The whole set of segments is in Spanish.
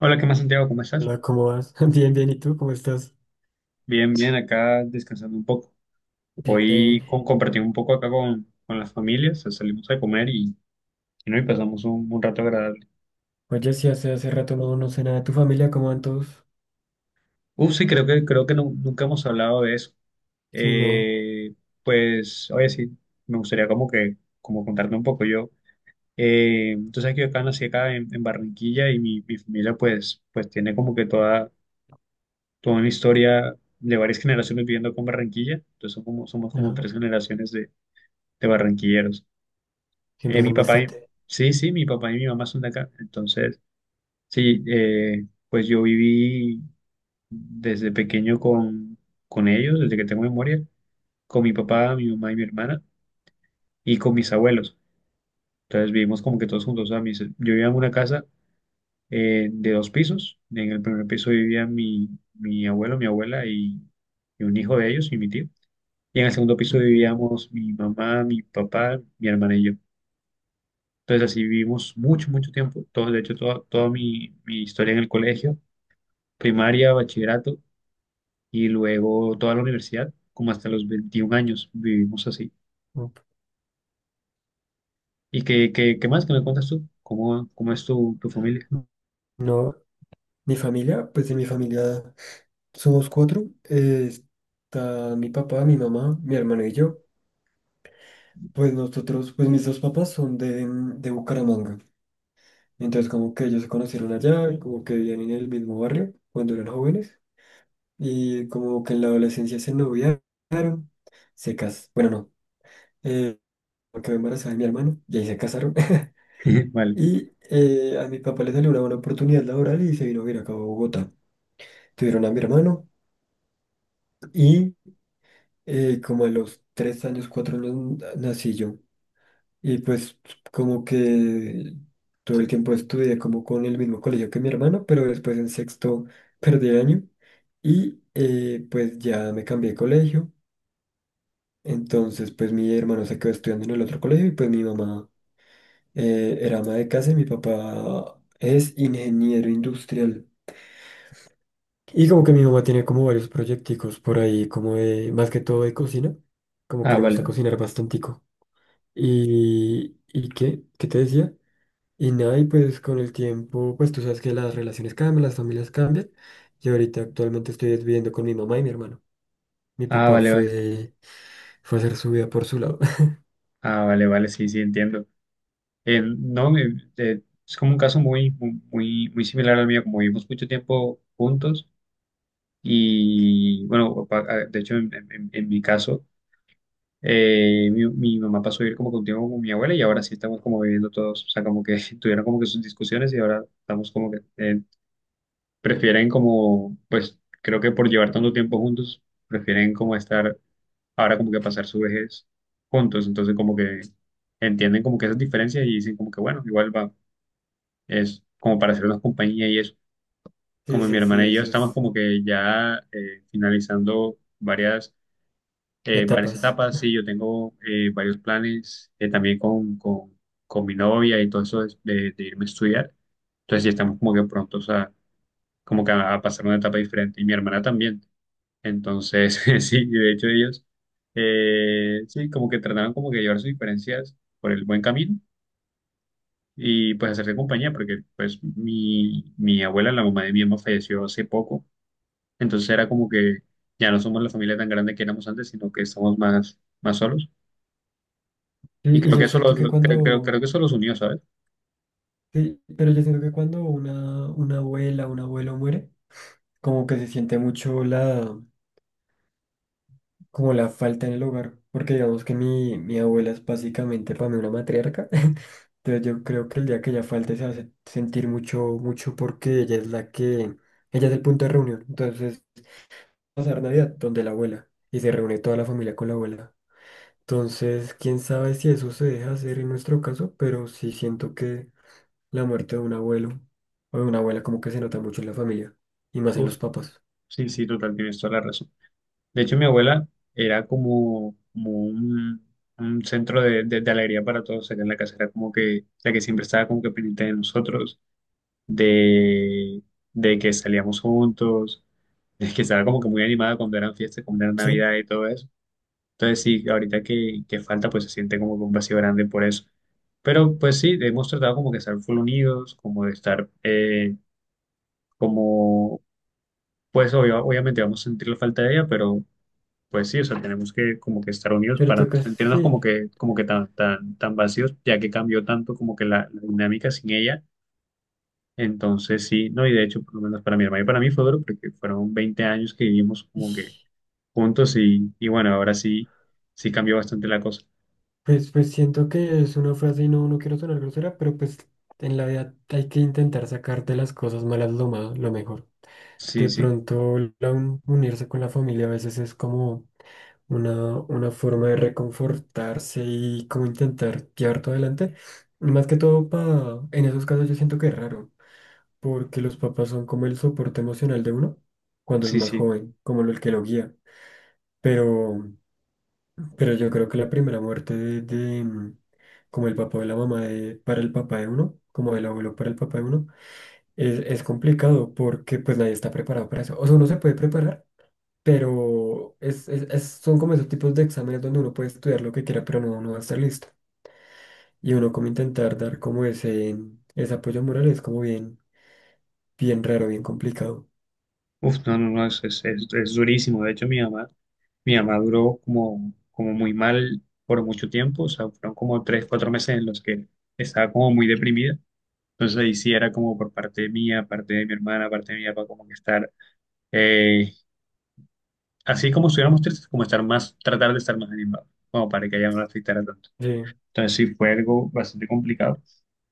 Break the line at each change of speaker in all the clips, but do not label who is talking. Hola, ¿qué más, Santiago? ¿Cómo estás?
Hola, ¿cómo vas? Bien, bien, ¿y tú? ¿Cómo estás?
Bien, bien, acá descansando un poco.
Bien.
Hoy compartí un poco acá con las familias, o sea, salimos a comer y, no, y pasamos un rato agradable.
Oye, sí, hace rato no sé nada de tu familia, ¿cómo van todos?
Uf, sí, creo que nunca hemos hablado de eso.
Sí, no,
Eh, pues, oye, sí, me gustaría como como contarte un poco yo. Tú sabes que yo acá nací acá en Barranquilla y mi familia pues tiene como que toda una historia de varias generaciones viviendo con Barranquilla. Entonces somos como
ajá,
tres generaciones de barranquilleros.
siempre
Mi
son
papá,
bastante.
sí, sí, mi papá y mi mamá son de acá. Entonces, sí, pues yo viví desde pequeño con ellos, desde que tengo memoria, con mi papá, mi mamá y mi hermana, y con mis abuelos. Entonces vivimos como que todos juntos. O sea, yo vivía en una casa de dos pisos. En el primer piso vivía mi abuelo, mi abuela y un hijo de ellos y mi tío. Y en el segundo piso
Ok.
vivíamos mi mamá, mi papá, mi hermana y yo. Entonces así vivimos mucho tiempo. Todo, de hecho, toda mi historia en el colegio, primaria, bachillerato y luego toda la universidad, como hasta los 21 años vivimos así.
up.
¿Y qué más que me cuentas tú? Cómo es tu familia?
No, mi familia, pues de mi familia somos cuatro. Está mi papá, mi mamá, mi hermano y yo. Pues nosotros, pues mis dos papás son de Bucaramanga. Entonces como que ellos se conocieron allá, y como que vivían en el mismo barrio cuando eran jóvenes. Y como que en la adolescencia se noviaron, se casaron. Bueno, no. eh, Quedó embarazada de mi hermano y ahí se casaron.
Vale.
Y a mi papá le salió una buena oportunidad laboral y se vino a vivir acá a Bogotá. Tuvieron a mi hermano y como a los tres años, cuatro años nací yo. Y pues como que todo el tiempo estudié como con el mismo colegio que mi hermano, pero después en sexto perdí el año y pues ya me cambié de colegio. Entonces pues mi hermano se quedó estudiando en el otro colegio y pues mi mamá era ama de casa y mi papá es ingeniero industrial. Y como que mi mamá tiene como varios proyecticos por ahí, como de, más que todo de cocina, como que
Ah,
le
vale,
gusta
vale.
cocinar bastantico. ¿Y qué? ¿Qué te decía? Y nada, y pues con el tiempo, pues tú sabes que las relaciones cambian, las familias cambian. Y ahorita actualmente estoy viviendo con mi mamá y mi hermano. Mi
Ah,
papá
vale, vale.
fue, Fue a hacer su vida por su lado.
Ah, vale, vale, sí, sí, entiendo. No, es como un caso muy, muy, muy similar al mío, como vivimos mucho tiempo juntos y bueno, de hecho, en mi caso. Mi, mi mamá pasó a vivir como contigo con mi abuela y ahora sí estamos como viviendo todos, o sea, como que tuvieron como que sus discusiones y ahora estamos como que prefieren como, pues creo que por llevar tanto tiempo juntos, prefieren como estar ahora como que pasar su vejez juntos, entonces como que entienden como que esas diferencias y dicen como que bueno, igual va, es como para hacernos compañía y eso,
Sí,
como mi
sí, sí,
hermana y yo
eso
estamos
es.
como que ya finalizando varias varias
Etapas.
etapas, sí, yo tengo varios planes también con mi novia y todo eso de irme a estudiar. Entonces, sí, estamos como que prontos como que a pasar una etapa diferente. Y mi hermana también. Entonces, sí, y de hecho ellos, sí, como que trataron como que llevar sus diferencias por el buen camino y pues hacerse compañía, porque pues mi abuela, la mamá de mi mamá, falleció hace poco. Entonces era como que ya no somos la familia tan grande que éramos antes, sino que estamos más, más solos. Y
Y
creo que
yo
eso
siento que
creo, creo que
cuando
eso los unió, ¿sabes?
Sí, pero yo siento que cuando una abuela, un abuelo muere, como que se siente mucho como la falta en el hogar, porque digamos que mi abuela es básicamente para mí una matriarca, entonces yo creo que el día que ella falte se hace sentir mucho, mucho porque ella es ella es el punto de reunión. Entonces pasar Navidad donde la abuela y se reúne toda la familia con la abuela. Entonces, quién sabe si eso se deja hacer en nuestro caso, pero sí siento que la muerte de un abuelo o de una abuela como que se nota mucho en la familia y más en
Uf,
los papás.
sí, sí, total, tienes toda la razón. De hecho, mi abuela era como, como un centro de alegría para todos acá en la casa. Era como que la que siempre estaba como que pendiente de nosotros, de, de que salíamos juntos, de que estaba como que muy animada cuando eran fiestas, cuando era
Sí,
Navidad y todo eso. Entonces, sí, ahorita que falta, pues se siente como que un vacío grande por eso. Pero pues sí, hemos tratado como que estar full unidos, como de estar... como Pues obviamente vamos a sentir la falta de ella, pero pues sí, o sea, tenemos que como que estar unidos
pero
para no
toca,
sentirnos
sí.
como que tan, tan vacíos, ya que cambió tanto como que la dinámica sin ella. Entonces sí, no, y de hecho, por lo menos para mi hermano y para mí fue duro, porque fueron 20 años que vivimos como que
ish,
juntos y bueno, ahora sí, sí cambió bastante la cosa.
Pues, pues siento que es una frase y no quiero sonar grosera, pero pues en la vida hay que intentar sacarte las cosas malas lo más, lo mejor.
Sí,
De
sí,
pronto la unirse con la familia a veces es como una forma de reconfortarse y como intentar llevar todo adelante. Más que todo pa en esos casos yo siento que es raro. Porque los papás son como el soporte emocional de uno cuando es
sí,
más
sí.
joven, como el que lo guía. Pero, pero yo creo que la primera muerte como el papá o la mamá de, para el papá de uno, como el abuelo para el papá de uno, es complicado porque pues nadie está preparado para eso. O sea, uno se puede preparar, pero son como esos tipos de exámenes donde uno puede estudiar lo que quiera, pero no va a estar listo. Y uno como intentar dar como ese apoyo moral es como bien, bien raro, bien complicado.
Uf, no, no, no, es durísimo. De hecho, mi mamá duró como, como muy mal por mucho tiempo, o sea, fueron como tres, cuatro meses en los que estaba como muy deprimida. Entonces ahí sí era como por parte mía, parte de mi hermana, parte de mi papá, como que estar, eh, así como estuviéramos tristes, como estar más, tratar de estar más animado, como para que ella no la afectara tanto.
Sí.
Entonces sí fue algo bastante complicado.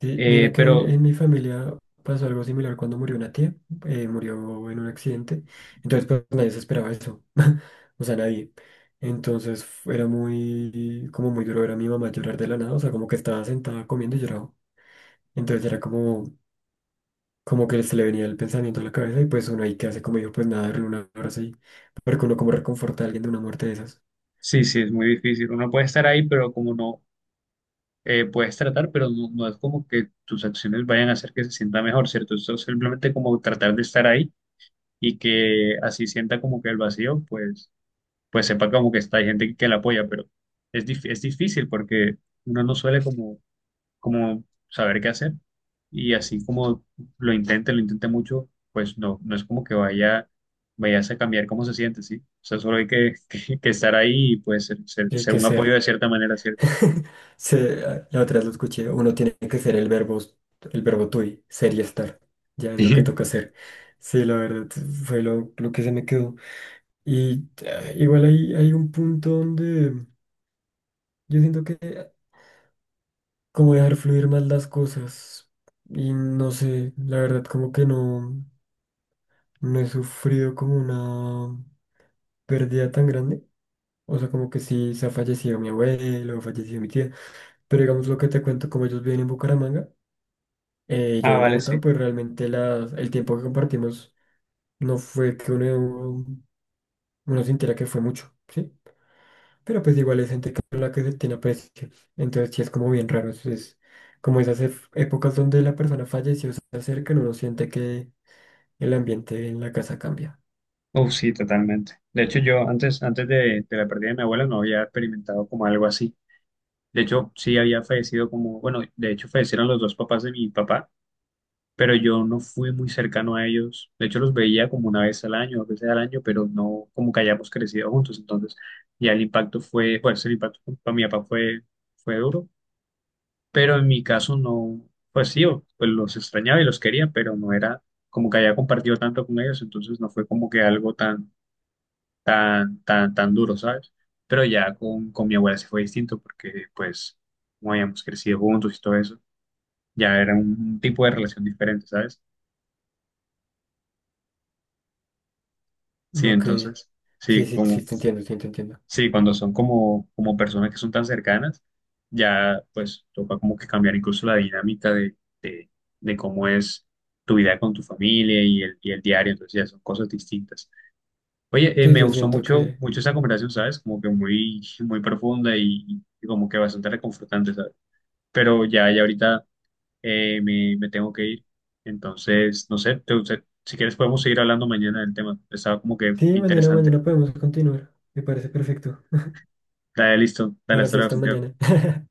Sí, mira
Eh,
que
pero
en mi familia pasó algo similar cuando murió una tía, murió en un accidente. Entonces pues nadie se esperaba eso, o sea, nadie. Entonces era muy, como muy duro ver a mi mamá llorar de la nada, o sea, como que estaba sentada comiendo y lloraba. Entonces era como, como que se le venía el pensamiento a la cabeza y pues uno ahí que hace como dijo, pues nada, darle un abrazo y, porque uno como reconforta a alguien de una muerte de esas.
sí, sí, es muy difícil. Uno puede estar ahí, pero como no. Eh, puedes tratar, pero no, no es como que tus acciones vayan a hacer que se sienta mejor, ¿cierto? Eso es simplemente como tratar de estar ahí y que así sienta como que el vacío, pues, pues sepa como que está, hay gente que la apoya, pero es, es difícil porque uno no suele como, como saber qué hacer y así como lo intente mucho, pues no, no es como que vayas a cambiar cómo se siente, ¿sí? O sea, solo hay que estar ahí y pues ser,
Y hay
ser
que
un apoyo de
ser.
cierta manera, ¿cierto?
Se- la otra vez lo escuché, uno tiene que ser el verbo tui, ser y estar. Ya es lo que toca hacer. Sí, la verdad, fue lo que se me quedó. Y igual hay un punto donde yo siento que como dejar fluir más las cosas. Y no sé, la verdad, como que no he sufrido como una pérdida tan grande. O sea, como que sí se ha fallecido mi abuelo, falleció mi tía. Pero digamos lo que te cuento, como ellos viven en Bucaramanga. Yo
Ah,
en
vale, sí.
Bogotá, pues realmente el tiempo que compartimos no fue que uno sintiera que fue mucho, ¿sí? Pero pues igual es gente con la que se tiene aprecio. ¿Sí? Entonces sí es como bien raro. Es como esas épocas donde la persona falleció, se acercan, uno siente que el ambiente en la casa cambia.
Uf, sí, totalmente. De hecho, yo antes, antes de la pérdida de mi abuela no había experimentado como algo así. De hecho, sí había fallecido como, bueno, de hecho fallecieron los dos papás de mi papá, pero yo no fui muy cercano a ellos. De hecho, los veía como una vez al año, dos veces al año, pero no como que hayamos crecido juntos. Entonces, ya el impacto fue, pues el impacto para mi papá fue, fue duro, pero en mi caso no, pues sí, pues los extrañaba y los quería, pero no era como que haya compartido tanto con ellos, entonces no fue como que algo tan tan duro, ¿sabes? Pero ya con mi abuela sí fue distinto porque, pues, como habíamos crecido juntos y todo eso, ya era un tipo de relación diferente, ¿sabes? Sí,
No que...
entonces,
Sí,
sí,
sí, sí,
como,
te entiendo, sí, te entiendo.
sí, cuando son como, como personas que son tan cercanas, ya, pues, toca como que cambiar incluso la dinámica de, de cómo es tu vida con tu familia y el diario, entonces ya son cosas distintas. Oye,
Sí,
me
yo
gustó
siento que...
mucho esa conversación, ¿sabes? Como que muy, muy profunda y como que bastante reconfortante, ¿sabes? Pero ya, ya ahorita me tengo que ir. Entonces, no sé, si quieres podemos seguir hablando mañana del tema. Estaba como que
Sí, mañana,
interesante.
mañana podemos continuar. Me parece perfecto.
Dale, listo. Dale,
Ahora
hasta
sí,
luego,
hasta
Santiago.
mañana.